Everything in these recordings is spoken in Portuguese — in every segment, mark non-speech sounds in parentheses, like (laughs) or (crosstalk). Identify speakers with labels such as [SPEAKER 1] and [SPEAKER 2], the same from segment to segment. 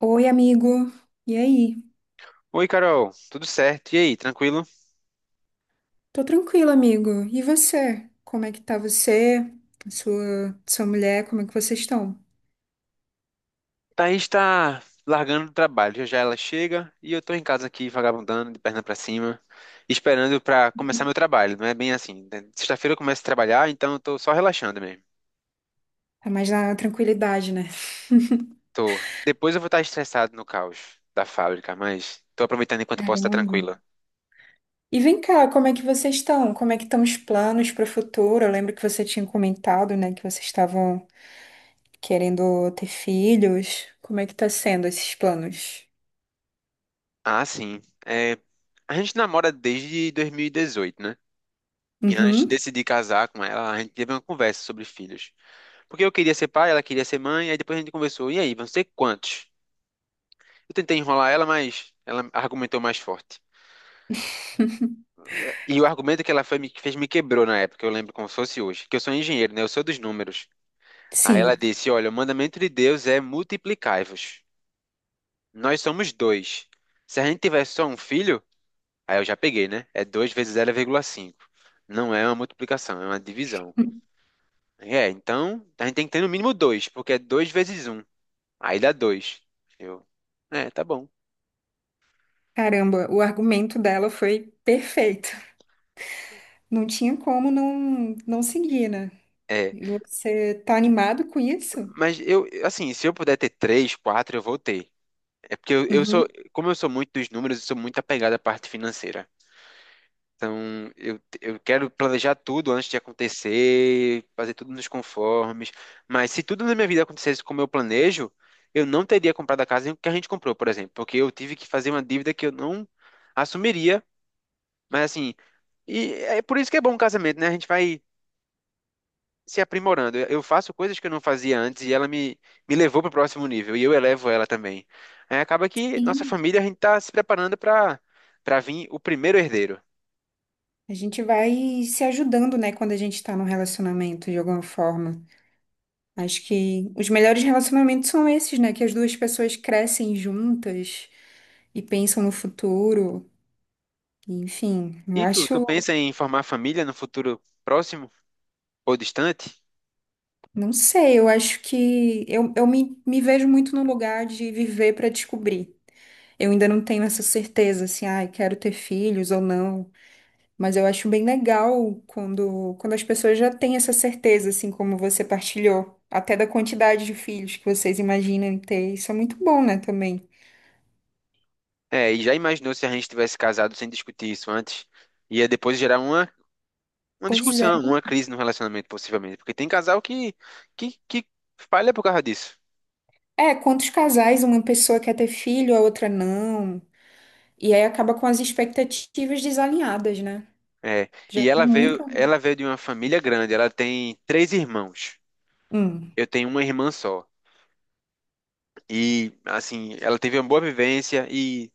[SPEAKER 1] Oi, amigo. E aí?
[SPEAKER 2] Oi, Carol, tudo certo? E aí, tranquilo?
[SPEAKER 1] Tô tranquila, amigo. E você? Como é que tá você? Sua mulher, como é que vocês estão?
[SPEAKER 2] Thaís tá largando o trabalho, já já ela chega e eu tô em casa aqui vagabundando, de perna pra cima, esperando pra começar meu trabalho. Não é bem assim, né? Sexta-feira eu começo a trabalhar, então eu tô só relaxando mesmo.
[SPEAKER 1] Tá mais na tranquilidade, né?
[SPEAKER 2] Tô. Depois eu vou estar estressado no caos da fábrica, mas tô aproveitando enquanto eu posso estar
[SPEAKER 1] Caramba.
[SPEAKER 2] tranquila.
[SPEAKER 1] E vem cá, como é que vocês estão? Como é que estão os planos para o futuro? Eu lembro que você tinha comentado, né, que vocês estavam querendo ter filhos. Como é que tá sendo esses planos?
[SPEAKER 2] Ah, sim. É, a gente namora desde 2018, né? E antes de
[SPEAKER 1] Uhum.
[SPEAKER 2] decidir casar com ela, a gente teve uma conversa sobre filhos. Porque eu queria ser pai, ela queria ser mãe, aí depois a gente conversou, e aí, vão ser quantos? Eu tentei enrolar ela, mas ela argumentou mais forte. E o argumento que ela foi, me, fez me quebrou na época, eu lembro como se fosse hoje, que eu sou engenheiro, né? Eu sou dos números. Aí ela
[SPEAKER 1] Sim.
[SPEAKER 2] disse, olha, o mandamento de Deus é multiplicai-vos. Nós somos dois. Se a gente tiver só um filho, aí eu já peguei, né? É 2 vezes zero vírgula cinco. Não é uma multiplicação, é uma divisão. É, então a gente tem que ter no mínimo dois, porque é 2 vezes um. Aí dá 2. Eu, tá bom.
[SPEAKER 1] Caramba, o argumento dela foi perfeito. Não tinha como não seguir, né?
[SPEAKER 2] É,
[SPEAKER 1] E você tá animado com isso?
[SPEAKER 2] mas eu, assim, se eu puder ter três, quatro, eu vou ter. É porque
[SPEAKER 1] Uhum.
[SPEAKER 2] como eu sou muito dos números, eu sou muito apegado à parte financeira. Então, eu quero planejar tudo antes de acontecer, fazer tudo nos conformes. Mas se tudo na minha vida acontecesse como eu planejo, eu não teria comprado a casa que a gente comprou, por exemplo, porque eu tive que fazer uma dívida que eu não assumiria. Mas, assim, e é por isso que é bom um casamento, né? A gente vai se aprimorando. Eu faço coisas que eu não fazia antes e ela me levou para o próximo nível e eu elevo ela também. Aí acaba que nossa
[SPEAKER 1] Sim.
[SPEAKER 2] família, a gente está se preparando para vir o primeiro herdeiro.
[SPEAKER 1] A gente vai se ajudando, né, quando a gente tá num relacionamento de alguma forma. Acho que os melhores relacionamentos são esses, né, que as duas pessoas crescem juntas e pensam no futuro. Enfim, eu
[SPEAKER 2] E tu
[SPEAKER 1] acho,
[SPEAKER 2] pensa em formar família no futuro próximo ou distante?
[SPEAKER 1] não sei, eu acho que eu me vejo muito no lugar de viver para descobrir. Eu ainda não tenho essa certeza, assim, ah, eu quero ter filhos ou não. Mas eu acho bem legal quando as pessoas já têm essa certeza, assim como você partilhou, até da quantidade de filhos que vocês imaginam ter. Isso é muito bom, né, também.
[SPEAKER 2] É, e já imaginou se a gente tivesse casado sem discutir isso antes? Ia depois gerar uma
[SPEAKER 1] Pois é.
[SPEAKER 2] discussão, uma crise no relacionamento, possivelmente. Porque tem casal que falha por causa disso.
[SPEAKER 1] É, quantos casais uma pessoa quer ter filho, a outra não. E aí acaba com as expectativas desalinhadas, né?
[SPEAKER 2] É,
[SPEAKER 1] Já
[SPEAKER 2] e
[SPEAKER 1] vi
[SPEAKER 2] ela veio,
[SPEAKER 1] muito.
[SPEAKER 2] ela veio de uma família grande, ela tem três irmãos.
[SPEAKER 1] Hum.
[SPEAKER 2] Eu tenho uma irmã só. E, assim, ela teve uma boa vivência e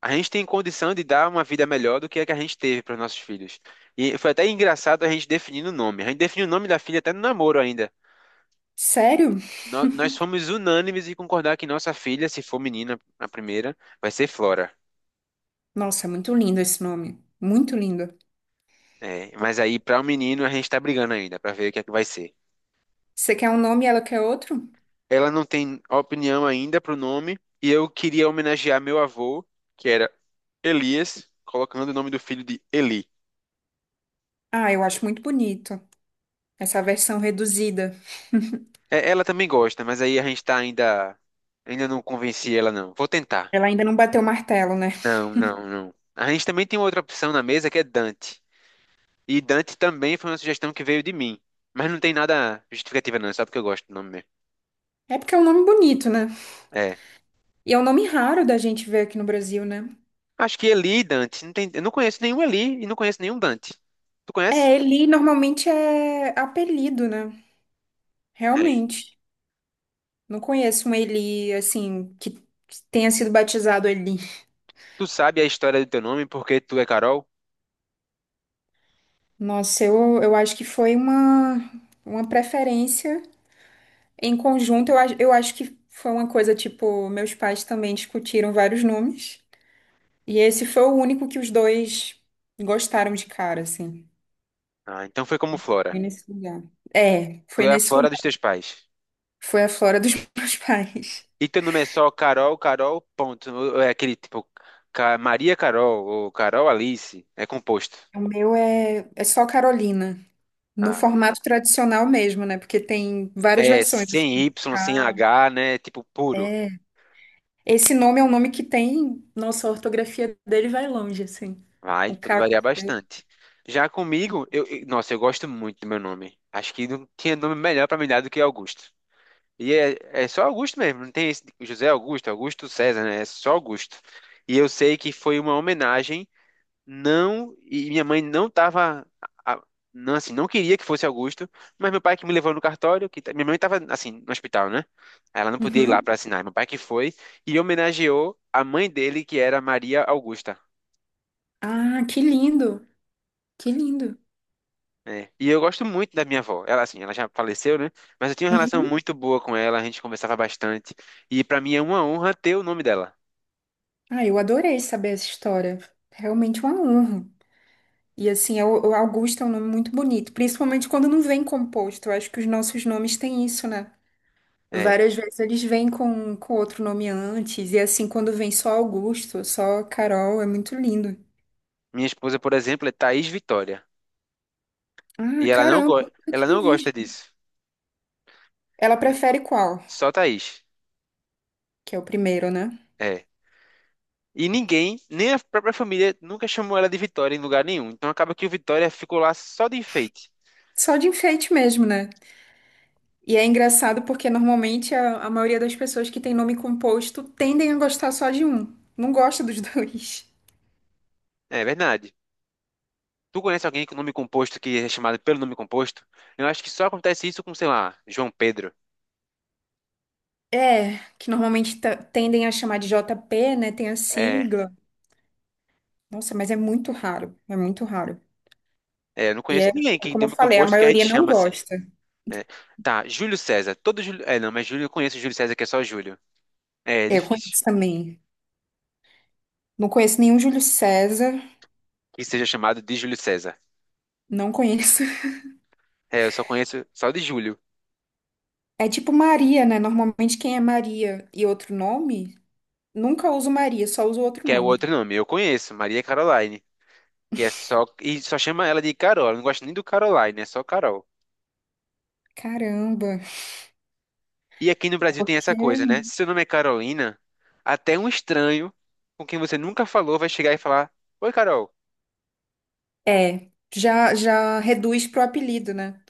[SPEAKER 2] a gente tem condição de dar uma vida melhor do que a gente teve para os nossos filhos. E foi até engraçado a gente definindo o nome. A gente definiu o nome da filha até no namoro ainda.
[SPEAKER 1] Sério?
[SPEAKER 2] Nós fomos unânimes em concordar que nossa filha, se for menina, a primeira, vai ser Flora.
[SPEAKER 1] Nossa, é muito lindo esse nome. Muito lindo.
[SPEAKER 2] É, mas aí, para o menino, a gente está brigando ainda para ver o que é que vai ser.
[SPEAKER 1] Você quer um nome e ela quer outro?
[SPEAKER 2] Ela não tem opinião ainda pro nome e eu queria homenagear meu avô, que era Elias, colocando o nome do filho de Eli.
[SPEAKER 1] Ah, eu acho muito bonito. Essa versão reduzida.
[SPEAKER 2] É, ela também gosta, mas aí a gente tá ainda. Ainda não convenci ela, não. Vou tentar.
[SPEAKER 1] Ela ainda não bateu o martelo, né?
[SPEAKER 2] Não, não, não. A gente também tem outra opção na mesa que é Dante. E Dante também foi uma sugestão que veio de mim. Mas não tem nada justificativa, não. É só porque eu gosto do nome mesmo.
[SPEAKER 1] É porque é um nome bonito, né?
[SPEAKER 2] É.
[SPEAKER 1] E é um nome raro da gente ver aqui no Brasil, né?
[SPEAKER 2] Acho que Eli e Dante. Eu não conheço nenhum Eli e não conheço nenhum Dante. Tu conhece?
[SPEAKER 1] É, Eli normalmente é apelido, né?
[SPEAKER 2] É.
[SPEAKER 1] Realmente. Não conheço um Eli, assim, que tenha sido batizado Eli.
[SPEAKER 2] Tu sabe a história do teu nome porque tu é Carol?
[SPEAKER 1] Nossa, eu acho que foi uma preferência em conjunto. Eu acho que foi uma coisa, tipo, meus pais também discutiram vários nomes. E esse foi o único que os dois gostaram de cara, assim.
[SPEAKER 2] Ah, então foi como Flora.
[SPEAKER 1] Foi nesse lugar. É,
[SPEAKER 2] Tu
[SPEAKER 1] foi
[SPEAKER 2] é a
[SPEAKER 1] nesse
[SPEAKER 2] Flora dos
[SPEAKER 1] lugar.
[SPEAKER 2] teus pais.
[SPEAKER 1] Foi a Flora dos (laughs) meus pais.
[SPEAKER 2] E teu nome é só Carol, Carol, ponto. Ou é aquele tipo, Maria Carol, ou Carol Alice. É composto.
[SPEAKER 1] O meu é só Carolina, no
[SPEAKER 2] Ah.
[SPEAKER 1] formato tradicional mesmo, né? Porque tem várias
[SPEAKER 2] É
[SPEAKER 1] versões, assim.
[SPEAKER 2] sem Y, sem
[SPEAKER 1] Ah,
[SPEAKER 2] H, né? Tipo puro.
[SPEAKER 1] esse nome é um nome que tem. Nossa, a ortografia dele vai longe, assim.
[SPEAKER 2] Vai,
[SPEAKER 1] Com
[SPEAKER 2] pode
[SPEAKER 1] K.
[SPEAKER 2] variar bastante. Já comigo, nossa, eu gosto muito do meu nome. Acho que não tinha nome melhor pra me dar do que Augusto. E é só Augusto mesmo, não tem esse de José Augusto, Augusto César, né? É só Augusto. E eu sei que foi uma homenagem. Não, e minha mãe não tava, a- não, assim, não queria que fosse Augusto, mas meu pai que me levou no cartório, minha mãe tava, assim, no hospital, né? Aí ela não podia ir lá
[SPEAKER 1] Uhum.
[SPEAKER 2] pra assinar, meu pai que foi, e homenageou a mãe dele, que era Maria Augusta,
[SPEAKER 1] Ah, que lindo! Que lindo!
[SPEAKER 2] né? E eu gosto muito da minha avó. Ela, assim, ela já faleceu, né? Mas eu tinha uma relação
[SPEAKER 1] Uhum.
[SPEAKER 2] muito boa com ela, a gente conversava bastante. E pra mim é uma honra ter o nome dela.
[SPEAKER 1] Ah, eu adorei saber essa história. Realmente uma honra. E assim, é o Augusto é um nome muito bonito, principalmente quando não vem composto. Eu acho que os nossos nomes têm isso, né?
[SPEAKER 2] É.
[SPEAKER 1] Várias vezes eles vêm com outro nome antes, e assim, quando vem só Augusto, só Carol, é muito lindo.
[SPEAKER 2] Minha esposa, por exemplo, é Thaís Vitória. E
[SPEAKER 1] Ah, caramba, eu nunca
[SPEAKER 2] ela
[SPEAKER 1] tinha
[SPEAKER 2] não gosta
[SPEAKER 1] visto.
[SPEAKER 2] disso.
[SPEAKER 1] Ela prefere qual?
[SPEAKER 2] Só Thaís.
[SPEAKER 1] Que é o primeiro, né?
[SPEAKER 2] É. E ninguém, nem a própria família, nunca chamou ela de Vitória em lugar nenhum. Então acaba que o Vitória ficou lá só de enfeite.
[SPEAKER 1] Só de enfeite mesmo, né? E é engraçado porque normalmente a maioria das pessoas que tem nome composto tendem a gostar só de um. Não gosta dos (laughs) dois.
[SPEAKER 2] É verdade. Tu conhece alguém com nome composto que é chamado pelo nome composto? Eu acho que só acontece isso com, sei lá, João Pedro.
[SPEAKER 1] É, que normalmente tendem a chamar de JP, né? Tem a
[SPEAKER 2] É,
[SPEAKER 1] sigla. Nossa, mas é muito raro. É muito raro.
[SPEAKER 2] é, eu não
[SPEAKER 1] E
[SPEAKER 2] conheço
[SPEAKER 1] é,
[SPEAKER 2] ninguém
[SPEAKER 1] é
[SPEAKER 2] que tem
[SPEAKER 1] como eu
[SPEAKER 2] nome
[SPEAKER 1] falei, a
[SPEAKER 2] composto que a gente
[SPEAKER 1] maioria não
[SPEAKER 2] chama assim,
[SPEAKER 1] gosta.
[SPEAKER 2] né? Tá, Júlio César. Todo Júlio. É, não, mas Júlio eu conheço Júlio César, que é só Júlio. É,
[SPEAKER 1] Eu
[SPEAKER 2] difícil
[SPEAKER 1] conheço também. Não conheço nenhum Júlio César,
[SPEAKER 2] que seja chamado de Júlio César.
[SPEAKER 1] não conheço. (laughs)
[SPEAKER 2] É, eu só conheço só de Júlio,
[SPEAKER 1] É tipo Maria, né? Normalmente quem é Maria e outro nome, nunca uso Maria, só uso outro
[SPEAKER 2] que é o
[SPEAKER 1] nome.
[SPEAKER 2] outro nome. Eu conheço, Maria Caroline. Que é só. E só chama ela de Carol. Ela não gosta nem do Caroline, é só Carol.
[SPEAKER 1] Caramba.
[SPEAKER 2] E aqui no
[SPEAKER 1] É
[SPEAKER 2] Brasil tem essa
[SPEAKER 1] porque
[SPEAKER 2] coisa, né? Se seu nome é Carolina, até um estranho com quem você nunca falou vai chegar e falar: Oi, Carol.
[SPEAKER 1] é, já já reduz pro apelido, né?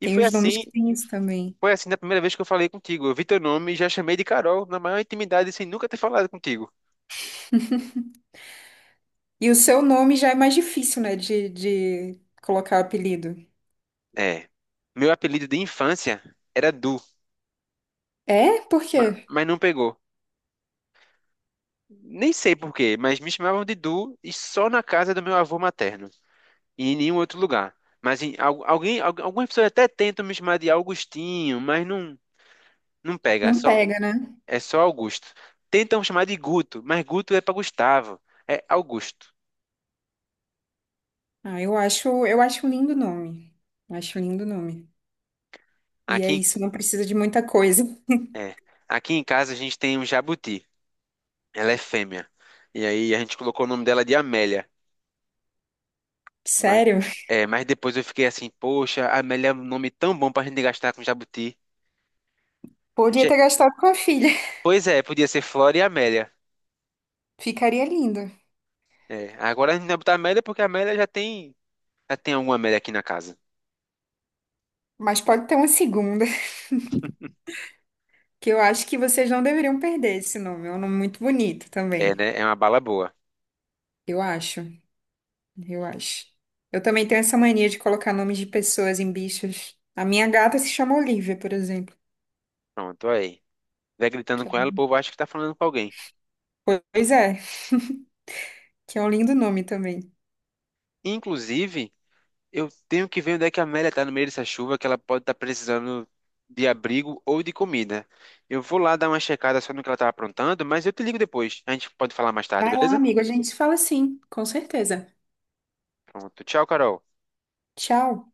[SPEAKER 2] E
[SPEAKER 1] Tem
[SPEAKER 2] foi
[SPEAKER 1] os nomes
[SPEAKER 2] assim,
[SPEAKER 1] que tem isso também.
[SPEAKER 2] foi assim na primeira vez que eu falei contigo. Eu vi teu nome e já chamei de Carol na maior intimidade sem nunca ter falado contigo.
[SPEAKER 1] E o seu nome já é mais difícil, né, de colocar apelido.
[SPEAKER 2] É. Meu apelido de infância era Du,
[SPEAKER 1] É? Por
[SPEAKER 2] ma-
[SPEAKER 1] quê?
[SPEAKER 2] mas não pegou. Nem sei por quê, mas me chamavam de Du e só na casa do meu avô materno, e em nenhum outro lugar. Mas algumas pessoas até tentam me chamar de Augustinho, mas não, não pega, é
[SPEAKER 1] Não
[SPEAKER 2] só,
[SPEAKER 1] pega, né?
[SPEAKER 2] é só Augusto. Tentam chamar de Guto, mas Guto é para Gustavo, é Augusto.
[SPEAKER 1] Ah, eu acho um lindo nome. Acho um lindo nome. E
[SPEAKER 2] Aqui,
[SPEAKER 1] é
[SPEAKER 2] em-
[SPEAKER 1] isso, não precisa de muita coisa.
[SPEAKER 2] é, aqui em casa a gente tem um jabuti, ela é fêmea. E aí a gente colocou o nome dela de Amélia. Mas,
[SPEAKER 1] Sério?
[SPEAKER 2] mas depois eu fiquei assim, poxa, Amélia é um nome tão bom pra gente gastar com jabuti.
[SPEAKER 1] Podia ter
[SPEAKER 2] Je-
[SPEAKER 1] gastado com a filha.
[SPEAKER 2] Pois é, podia ser Flora e Amélia.
[SPEAKER 1] Ficaria lindo.
[SPEAKER 2] É, agora a gente vai botar Amélia porque a Amélia já tem alguma média aqui na casa.
[SPEAKER 1] Mas pode ter uma segunda, que eu acho que vocês não deveriam perder esse nome. É um nome muito bonito
[SPEAKER 2] É,
[SPEAKER 1] também.
[SPEAKER 2] né? É uma bala boa.
[SPEAKER 1] Eu acho, eu acho. Eu também tenho essa mania de colocar nomes de pessoas em bichos. A minha gata se chama Olivia, por exemplo.
[SPEAKER 2] Pronto, aí. Vai gritando
[SPEAKER 1] Que é
[SPEAKER 2] com ela, o
[SPEAKER 1] um...
[SPEAKER 2] povo acha que tá falando com alguém.
[SPEAKER 1] Pois é, que é um lindo nome também.
[SPEAKER 2] Inclusive, eu tenho que ver onde é que a Amélia tá no meio dessa chuva, que ela pode estar precisando de abrigo ou de comida. Eu vou lá dar uma checada só no que ela tá aprontando, mas eu te ligo depois. A gente pode falar mais tarde,
[SPEAKER 1] Vai lá,
[SPEAKER 2] beleza?
[SPEAKER 1] amigo, a gente se fala sim, com certeza.
[SPEAKER 2] Pronto. Tchau, Carol.
[SPEAKER 1] Tchau.